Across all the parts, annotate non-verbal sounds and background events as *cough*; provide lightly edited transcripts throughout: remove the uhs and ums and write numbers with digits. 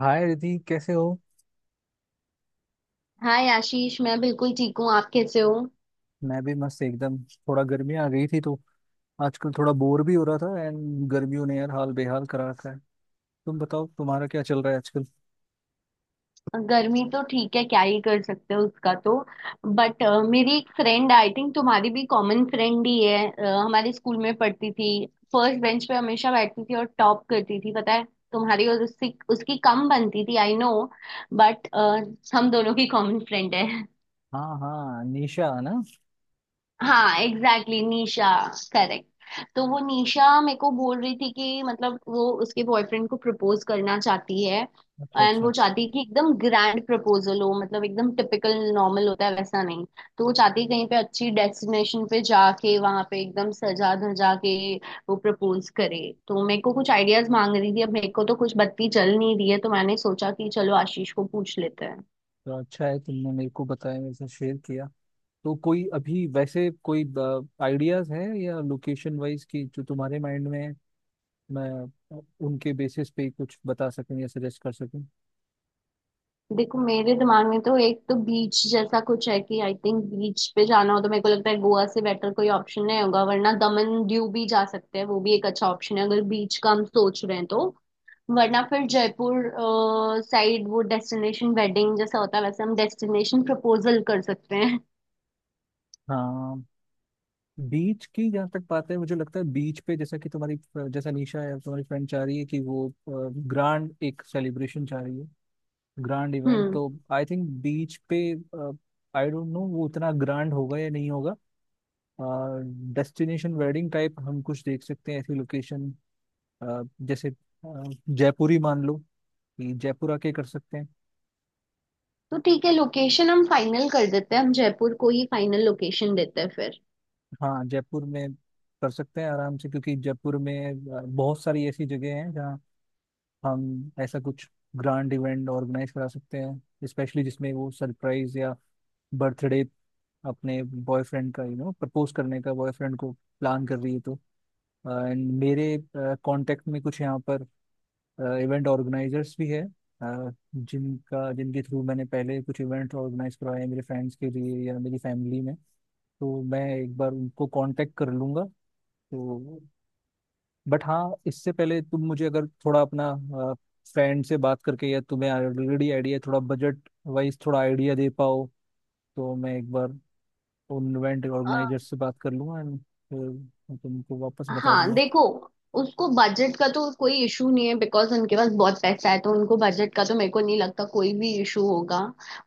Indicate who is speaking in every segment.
Speaker 1: हाय रिधि कैसे हो।
Speaker 2: हाय आशीष, मैं बिल्कुल ठीक हूँ। आप कैसे हो?
Speaker 1: मैं भी मस्त एकदम। थोड़ा गर्मी आ गई थी तो आजकल थोड़ा बोर भी हो रहा था एंड गर्मियों ने यार हाल बेहाल करा रखा है। तुम बताओ तुम्हारा क्या चल रहा है आजकल।
Speaker 2: गर्मी तो ठीक है, क्या ही कर सकते हो उसका। तो बट मेरी एक फ्रेंड, आई थिंक तुम्हारी भी कॉमन फ्रेंड ही है, हमारे स्कूल में पढ़ती थी। फर्स्ट बेंच पे हमेशा बैठती थी और टॉप करती थी, पता है। तुम्हारी और उसकी उसकी कम बनती थी, आई नो। बट हम दोनों की कॉमन फ्रेंड है।
Speaker 1: हाँ हाँ, निशा ना।
Speaker 2: हाँ एग्जैक्टली, exactly, निशा। करेक्ट। तो वो निशा मेरे को बोल रही थी कि मतलब वो उसके बॉयफ्रेंड को प्रपोज करना चाहती है।
Speaker 1: अच्छा
Speaker 2: एंड
Speaker 1: अच्छा।
Speaker 2: वो चाहती है कि एकदम ग्रैंड प्रपोजल हो, मतलब एकदम टिपिकल नॉर्मल होता है वैसा नहीं। तो वो चाहती है कहीं पे अच्छी डेस्टिनेशन पे जाके वहां पे एकदम सजा धजा के वो प्रपोज करे। तो मेरे को कुछ आइडियाज मांग रही थी, अब मेरे को तो कुछ बत्ती जल नहीं रही है, तो मैंने सोचा कि चलो आशीष को पूछ लेते हैं।
Speaker 1: तो अच्छा है तुमने मेरे को बताया, मेरे साथ शेयर किया। तो कोई अभी वैसे कोई आइडियाज है या लोकेशन वाइज की जो तुम्हारे माइंड में है, मैं उनके बेसिस पे ही कुछ बता सकूं या सजेस्ट कर सकूं।
Speaker 2: देखो मेरे दिमाग में तो एक तो बीच जैसा कुछ है कि आई थिंक बीच पे जाना हो तो मेरे को लगता है गोवा से बेटर कोई ऑप्शन नहीं होगा, वरना दमन दीव भी जा सकते हैं, वो भी एक अच्छा ऑप्शन है अगर बीच का हम सोच रहे हैं तो। वरना फिर जयपुर साइड, वो डेस्टिनेशन वेडिंग जैसा होता है, वैसे हम डेस्टिनेशन प्रपोजल कर सकते हैं।
Speaker 1: हाँ, बीच की जहाँ तक बात है मुझे लगता है बीच पे, जैसा कि तुम्हारी, जैसा निशा है तुम्हारी फ्रेंड चाह रही है कि वो ग्रांड एक सेलिब्रेशन चाह रही है, ग्रांड इवेंट,
Speaker 2: हम्म।
Speaker 1: तो आई थिंक बीच पे आई डोंट नो वो उतना ग्रांड होगा या नहीं होगा। डेस्टिनेशन वेडिंग टाइप हम कुछ देख सकते हैं ऐसी लोकेशन, जैसे अ, जयपुर ही मान लो कि जयपुर आके कर सकते हैं।
Speaker 2: तो ठीक है, लोकेशन हम फाइनल कर देते हैं, हम जयपुर को ही फाइनल लोकेशन देते हैं।
Speaker 1: हाँ जयपुर में कर सकते हैं आराम से, क्योंकि जयपुर में बहुत सारी ऐसी जगह हैं, हम ऐसा कुछ ग्रांड इवेंट ऑर्गेनाइज करा सकते हैं स्पेशली, जिसमें वो सरप्राइज या बर्थडे अपने बॉयफ्रेंड का प्रपोज करने का बॉयफ्रेंड को प्लान कर रही है तो। एंड मेरे कांटेक्ट में कुछ यहाँ पर इवेंट ऑर्गेनाइजर्स भी है जिनका जिनके थ्रू मैंने पहले कुछ इवेंट ऑर्गेनाइज करवाए हैं मेरे फ्रेंड्स के लिए या मेरी फैमिली में, तो मैं एक बार उनको कांटेक्ट कर लूंगा। तो बट हाँ इससे पहले तुम मुझे अगर थोड़ा अपना फ्रेंड से बात करके या तुम्हें ऑलरेडी आइडिया थोड़ा बजट वाइज थोड़ा आइडिया दे पाओ, तो मैं एक बार उन इवेंट ऑर्गेनाइजर
Speaker 2: फिर
Speaker 1: से बात कर लूंगा एंड फिर मैं तुमको वापस बता
Speaker 2: हाँ,
Speaker 1: दूंगा।
Speaker 2: देखो, उसको बजट का तो कोई इशू नहीं है बिकॉज उनके पास बहुत पैसा है, तो उनको बजट का तो मेरे को नहीं लगता कोई भी इशू होगा।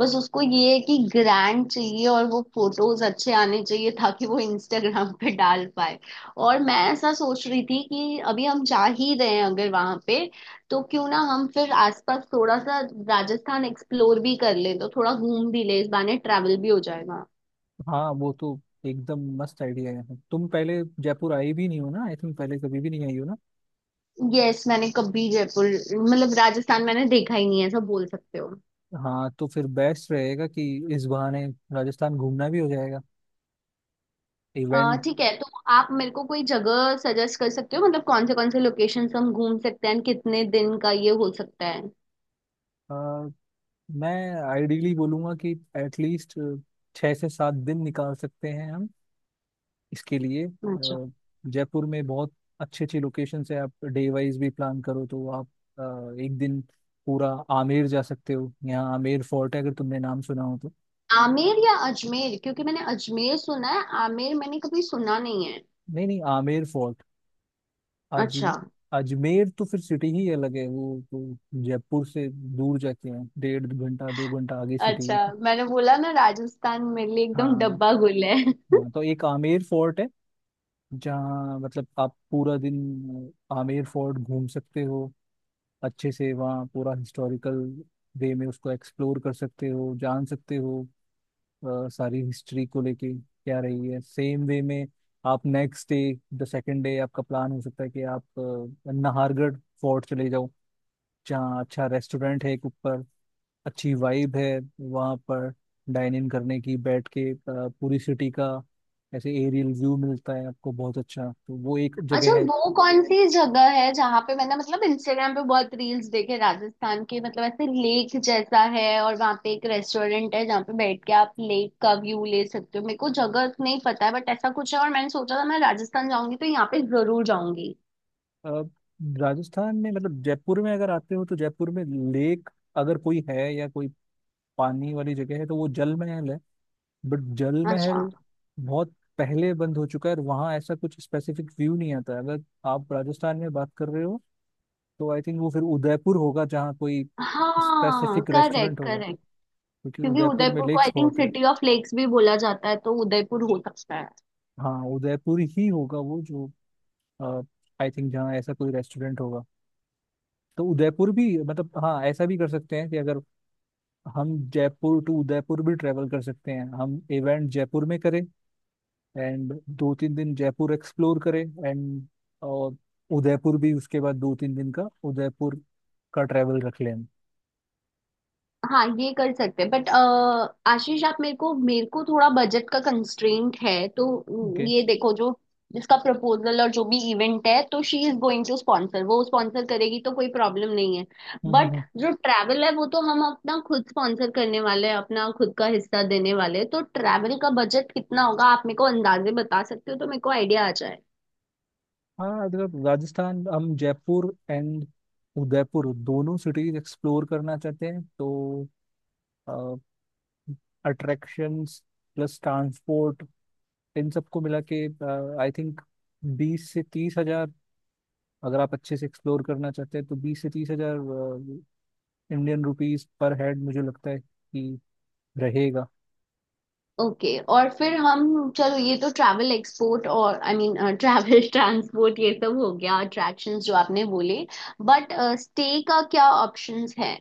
Speaker 2: बस उसको ये है कि ग्रैंड चाहिए और वो फोटोज अच्छे आने चाहिए ताकि वो इंस्टाग्राम पे डाल पाए। और मैं ऐसा सोच रही थी कि अभी हम जा ही रहे हैं अगर वहां पे, तो क्यों ना हम फिर आसपास थोड़ा सा राजस्थान एक्सप्लोर भी कर लें, तो थोड़ा घूम भी ले, इस बहाने ट्रैवल भी हो जाएगा।
Speaker 1: हाँ वो तो एकदम मस्त आइडिया है, तुम पहले जयपुर आई भी नहीं हो ना, आई थिंक पहले कभी भी नहीं आई हो ना।
Speaker 2: यस, मैंने कभी जयपुर, मतलब राजस्थान मैंने देखा ही नहीं है, ऐसा बोल सकते हो।
Speaker 1: हाँ तो फिर बेस्ट रहेगा कि इस बहाने राजस्थान घूमना भी हो जाएगा, इवेंट।
Speaker 2: ठीक है, तो आप मेरे को कोई जगह सजेस्ट कर सकते हो, मतलब कौन से लोकेशंस हम घूम सकते हैं and कितने दिन का ये हो सकता है।
Speaker 1: मैं आइडियली बोलूंगा कि एटलीस्ट 6 से 7 दिन निकाल सकते हैं हम इसके लिए।
Speaker 2: अच्छा,
Speaker 1: जयपुर में बहुत अच्छी अच्छी लोकेशन है, आप डे वाइज भी प्लान करो तो आप एक दिन पूरा आमेर जा सकते हो, यहाँ आमेर फोर्ट है अगर तुमने नाम सुना हो तो।
Speaker 2: आमेर या अजमेर? क्योंकि मैंने अजमेर सुना है, आमेर मैंने कभी सुना नहीं है।
Speaker 1: नहीं नहीं, आमेर फोर्ट। अज
Speaker 2: अच्छा।
Speaker 1: अजमेर तो फिर सिटी ही अलग है वो तो, जयपुर से दूर जाके है, डेढ़ घंटा 2 घंटा आगे सिटी है।
Speaker 2: अच्छा, मैंने बोला ना राजस्थान मेरे लिए एकदम
Speaker 1: हाँ,
Speaker 2: डब्बा गुल है।
Speaker 1: हाँ तो एक आमेर फोर्ट है जहाँ मतलब आप पूरा दिन आमेर फोर्ट घूम सकते हो अच्छे से, वहाँ पूरा हिस्टोरिकल वे में उसको एक्सप्लोर कर सकते हो, जान सकते हो सारी हिस्ट्री को लेके क्या रही है, सेम वे में आप next day the second day आपका प्लान हो सकता है कि आप नाहरगढ़ फोर्ट चले जाओ, जहाँ अच्छा रेस्टोरेंट है एक ऊपर, अच्छी वाइब है वहाँ पर डाइन इन करने की, बैठ के पूरी सिटी का ऐसे एरियल व्यू मिलता है आपको बहुत अच्छा, तो वो एक
Speaker 2: अच्छा
Speaker 1: जगह है।
Speaker 2: वो कौन सी जगह है जहाँ पे मैंने, मतलब इंस्टाग्राम पे बहुत रील्स देखे राजस्थान के, मतलब ऐसे लेक जैसा है और वहाँ पे एक रेस्टोरेंट है जहाँ पे बैठ के आप लेक का व्यू ले सकते हो। मेरे को जगह नहीं पता है बट ऐसा कुछ है, और मैंने सोचा था मैं राजस्थान जाऊंगी तो यहाँ पे जरूर जाऊंगी।
Speaker 1: अ, राजस्थान में मतलब जयपुर में अगर आते हो तो जयपुर में लेक अगर कोई है या कोई पानी वाली जगह है तो वो जल में है, बट जल
Speaker 2: अच्छा।
Speaker 1: महल बहुत पहले बंद हो चुका है और वहाँ ऐसा कुछ स्पेसिफिक व्यू नहीं आता है। अगर आप राजस्थान में बात कर रहे हो तो आई थिंक वो फिर उदयपुर होगा जहाँ कोई
Speaker 2: हाँ
Speaker 1: स्पेसिफिक
Speaker 2: करेक्ट,
Speaker 1: रेस्टोरेंट होगा,
Speaker 2: करेक्ट,
Speaker 1: क्योंकि
Speaker 2: क्योंकि
Speaker 1: उदयपुर में
Speaker 2: उदयपुर को आई
Speaker 1: लेक्स
Speaker 2: थिंक
Speaker 1: बहुत है।
Speaker 2: सिटी ऑफ लेक्स भी बोला जाता है, तो उदयपुर हो सकता है।
Speaker 1: हाँ उदयपुर ही होगा वो जो, आई थिंक जहाँ ऐसा कोई रेस्टोरेंट होगा, तो उदयपुर भी, मतलब हाँ ऐसा भी कर सकते हैं कि अगर हम जयपुर टू उदयपुर भी ट्रेवल कर सकते हैं, हम इवेंट जयपुर में करें एंड 2 3 दिन जयपुर एक्सप्लोर करें एंड और उदयपुर भी उसके बाद 2 3 दिन का उदयपुर का ट्रैवल रख लें।
Speaker 2: हाँ ये कर सकते हैं, बट आशीष आप मेरे को, थोड़ा बजट का कंस्ट्रेंट है तो
Speaker 1: ओके।
Speaker 2: ये देखो, जो जिसका प्रपोजल और जो भी इवेंट है तो she is going to sponsor, वो स्पॉन्सर करेगी, तो कोई प्रॉब्लम नहीं है।
Speaker 1: हम्म हम्म
Speaker 2: बट
Speaker 1: हम्म।
Speaker 2: जो ट्रैवल है वो तो हम अपना खुद स्पॉन्सर करने वाले हैं, अपना खुद का हिस्सा देने वाले हैं, तो ट्रैवल का बजट कितना होगा आप मेरे को अंदाजे बता सकते हो तो मेरे को आइडिया आ जाए।
Speaker 1: हाँ मतलब राजस्थान हम जयपुर एंड उदयपुर दोनों सिटीज एक्सप्लोर करना चाहते हैं, तो अट्रैक्शंस प्लस ट्रांसपोर्ट इन सबको मिला के आई थिंक 20 से 30 हज़ार, अगर आप अच्छे से एक्सप्लोर करना चाहते हैं तो 20 से 30 हज़ार इंडियन रुपीस पर हेड मुझे लगता है कि रहेगा।
Speaker 2: ओके और फिर हम, चलो ये तो ट्रैवल एक्सपोर्ट और आई मीन ट्रैवल ट्रांसपोर्ट *laughs* ये सब हो गया, अट्रैक्शंस जो आपने बोले। बट स्टे का क्या ऑप्शंस है,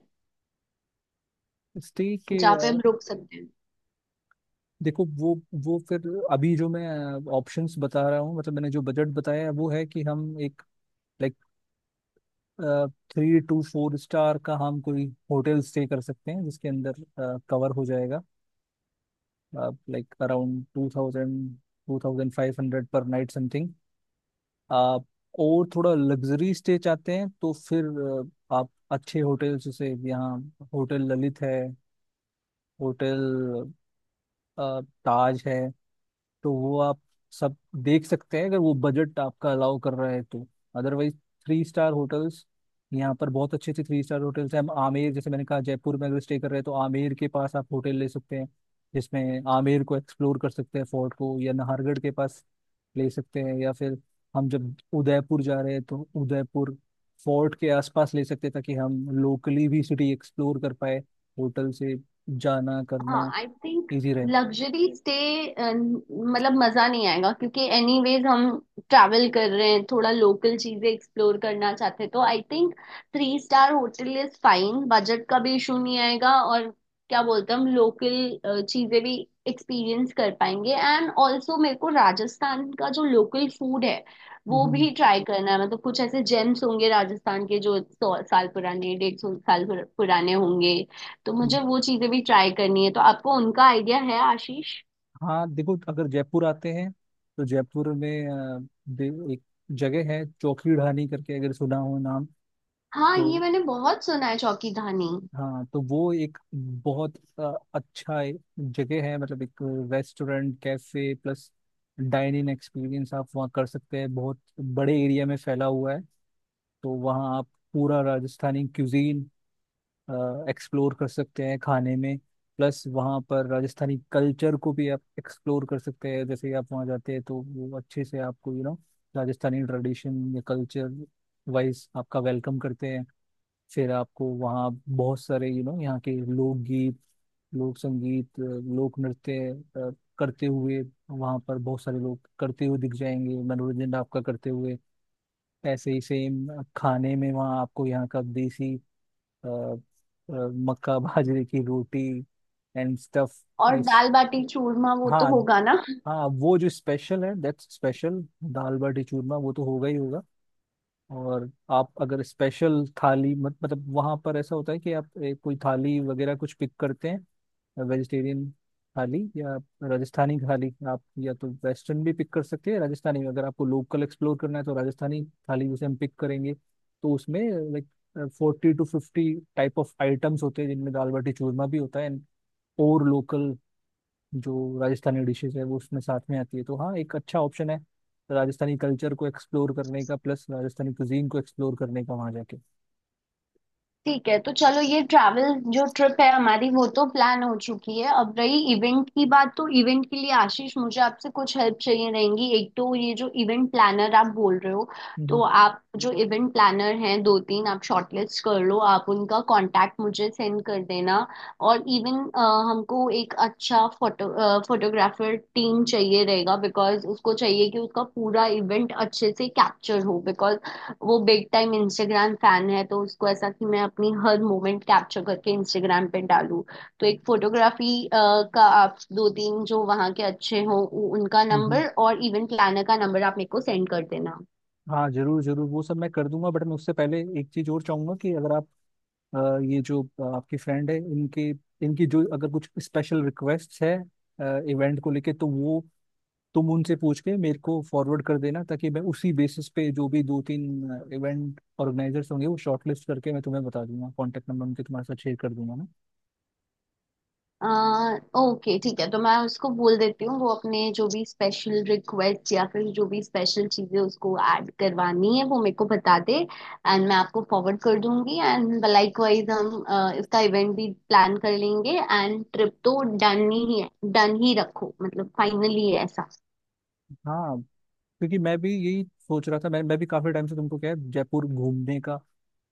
Speaker 1: स्टे के
Speaker 2: जहाँ पे हम रुक सकते हैं?
Speaker 1: देखो, वो फिर, अभी जो मैं ऑप्शंस बता रहा हूँ, मतलब मैंने जो बजट बताया है वो है कि हम एक लाइक 3 to 4 स्टार का हम कोई होटल स्टे कर सकते हैं, जिसके अंदर कवर हो जाएगा लाइक अराउंड 2000 2500 पर नाइट समथिंग। और थोड़ा लग्जरी स्टे चाहते हैं तो फिर आप अच्छे होटल जैसे यहाँ होटल ललित है, होटल ताज है, तो वो आप सब देख सकते हैं अगर वो बजट आपका अलाउ कर रहा है तो। अदरवाइज 3 स्टार होटल्स, यहाँ पर बहुत अच्छे अच्छे 3 स्टार होटल्स हैं, हम आमेर, जैसे मैंने कहा जयपुर में अगर स्टे कर रहे हैं तो आमेर के पास आप होटल ले सकते हैं जिसमें आमेर को एक्सप्लोर कर सकते हैं, फोर्ट को, या नाहरगढ़ के पास ले सकते हैं, या फिर हम जब उदयपुर जा रहे हैं तो उदयपुर फोर्ट के आसपास ले सकते हैं, ताकि हम लोकली भी सिटी एक्सप्लोर कर पाए होटल से, जाना
Speaker 2: हाँ
Speaker 1: करना
Speaker 2: आई थिंक
Speaker 1: इजी रहे।
Speaker 2: लग्जरी स्टे मतलब मजा नहीं आएगा, क्योंकि एनीवेज हम ट्रैवल कर रहे हैं, थोड़ा लोकल चीजें एक्सप्लोर करना चाहते हैं, तो I think three star hotel is fine, budget का भी इशू नहीं आएगा और क्या बोलते हैं, हम लोकल चीजें भी एक्सपीरियंस कर पाएंगे। एंड ऑल्सो मेरे को राजस्थान का जो लोकल फूड है वो
Speaker 1: हम्म,
Speaker 2: भी ट्राई करना है, मतलब कुछ ऐसे जेम्स होंगे राजस्थान के जो 100 साल पुराने, 150 साल पुराने होंगे। तो
Speaker 1: हम्म।
Speaker 2: मुझे वो चीजें भी ट्राई करनी है, तो आपको उनका आइडिया है आशीष?
Speaker 1: हाँ देखो अगर जयपुर आते हैं तो जयपुर में एक जगह है चौकी ढाणी करके, अगर सुना हो नाम
Speaker 2: हाँ
Speaker 1: तो।
Speaker 2: ये मैंने बहुत सुना है चौकी धानी।
Speaker 1: हाँ तो वो एक बहुत अच्छा जगह है, मतलब एक restaurant cafe plus dining experience आप वहाँ कर सकते हैं, बहुत बड़े एरिया में फैला हुआ है। तो वहाँ आप पूरा राजस्थानी क्यूजीन एक्सप्लोर कर सकते हैं खाने में, प्लस वहाँ पर राजस्थानी कल्चर को भी आप एक्सप्लोर कर सकते हैं, जैसे ही आप वहाँ जाते हैं तो वो अच्छे से आपको राजस्थानी ट्रेडिशन या कल्चर वाइज आपका वेलकम करते हैं। फिर आपको वहाँ बहुत सारे यहाँ के लोकगीत, लोक संगीत, लोक नृत्य अ, करते हुए वहाँ पर बहुत सारे लोग करते हुए दिख जाएंगे, मनोरंजन आपका करते हुए। ऐसे ही सेम खाने में वहाँ आपको यहाँ का देसी अ, अ, मक्का बाजरे की रोटी एंड स्टफ।
Speaker 2: और
Speaker 1: इस
Speaker 2: दाल बाटी चूरमा वो तो
Speaker 1: हाँ
Speaker 2: होगा ना?
Speaker 1: हाँ, वो जो स्पेशल है दैट्स स्पेशल, दाल बाटी चूरमा वो तो होगा ही होगा। और आप अगर स्पेशल थाली, मत मतलब वहाँ पर ऐसा होता है कि आप कोई थाली वगैरह कुछ पिक करते हैं, वेजिटेरियन थाली या राजस्थानी थाली, आप या तो वेस्टर्न भी पिक कर सकते हैं राजस्थानी, अगर आपको लोकल एक्सप्लोर करना है तो राजस्थानी थाली जैसे हम पिक करेंगे तो उसमें like 40 to 50 type of items होते हैं जिनमें दाल बाटी चूरमा भी होता है एंड। और लोकल जो राजस्थानी डिशेज है वो उसमें साथ में आती है, तो हाँ एक अच्छा ऑप्शन है राजस्थानी कल्चर को एक्सप्लोर करने का, प्लस राजस्थानी कुजीन को एक्सप्लोर करने का वहाँ जाके।
Speaker 2: ठीक है, तो चलो ये ट्रैवल जो ट्रिप है हमारी वो तो प्लान हो चुकी है, अब रही इवेंट की बात, तो इवेंट के लिए आशीष मुझे आपसे कुछ हेल्प चाहिए रहेंगी। एक तो ये जो इवेंट प्लानर आप बोल रहे हो,
Speaker 1: हम्म
Speaker 2: तो आप जो इवेंट प्लानर हैं, 2 3 आप शॉर्टलिस्ट कर लो, आप उनका कांटेक्ट मुझे सेंड कर देना। और इवन हमको एक अच्छा फोटोग्राफर टीम चाहिए रहेगा, बिकॉज उसको चाहिए कि उसका पूरा इवेंट अच्छे से कैप्चर हो, बिकॉज वो बिग टाइम इंस्टाग्राम फैन है, तो उसको ऐसा कि मैं अपनी हर मोमेंट कैप्चर करके इंस्टाग्राम पे डालूं। तो एक फोटोग्राफी का आप दो तीन जो वहाँ के अच्छे हों उनका
Speaker 1: हम्म।
Speaker 2: नंबर और इवेंट प्लानर का नंबर आप मेरे को सेंड कर देना।
Speaker 1: हाँ जरूर जरूर वो सब मैं कर दूंगा, बट मैं उससे पहले एक चीज और चाहूंगा कि अगर आप ये जो आपकी फ्रेंड है इनके, इनकी जो अगर कुछ स्पेशल रिक्वेस्ट है इवेंट को लेके, तो वो तुम उनसे पूछ के मेरे को फॉरवर्ड कर देना, ताकि मैं उसी बेसिस पे जो भी 2 3 इवेंट ऑर्गेनाइजर्स होंगे वो शॉर्टलिस्ट करके मैं तुम्हें बता दूंगा, कांटेक्ट नंबर उनके तुम्हारे साथ शेयर कर दूंगा ना।
Speaker 2: आ, ओके ठीक है, तो मैं उसको बोल देती हूँ वो अपने जो भी स्पेशल रिक्वेस्ट या फिर जो भी स्पेशल चीजें उसको ऐड करवानी है वो मेरे को बता दे, एंड मैं आपको फॉरवर्ड कर दूंगी, एंड लाइकवाइज हम इसका इवेंट भी प्लान कर लेंगे। एंड ट्रिप तो डन ही है, डन ही रखो, मतलब फाइनली है ऐसा।
Speaker 1: हाँ, क्योंकि मैं भी यही सोच रहा था, मैं भी काफी टाइम से तुमको, क्या है, जयपुर घूमने का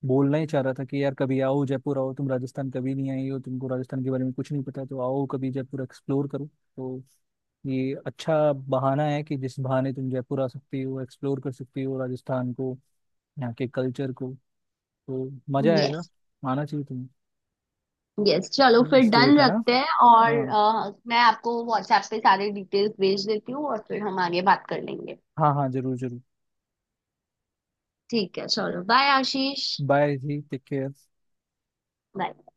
Speaker 1: बोलना ही चाह रहा था कि यार कभी आओ जयपुर, आओ, तुम राजस्थान कभी नहीं आई हो, तुमको राजस्थान के बारे में कुछ नहीं पता, तो आओ कभी जयपुर एक्सप्लोर करो। तो ये अच्छा बहाना है कि जिस बहाने तुम जयपुर आ सकती हो, एक्सप्लोर कर सकती हो राजस्थान को, यहाँ के कल्चर को, तो मजा आएगा,
Speaker 2: यस।
Speaker 1: आना चाहिए तुम्हें।
Speaker 2: यस चलो फिर डन
Speaker 1: स्टूडेंट है ना।
Speaker 2: रखते हैं, और
Speaker 1: हाँ।
Speaker 2: मैं आपको व्हाट्सएप पे सारे डिटेल्स भेज देती हूँ और फिर हम आगे बात कर लेंगे।
Speaker 1: हाँ हाँ जरूर जरूर।
Speaker 2: ठीक है, चलो bye Ashish.
Speaker 1: Bye ji, take care.
Speaker 2: Bye.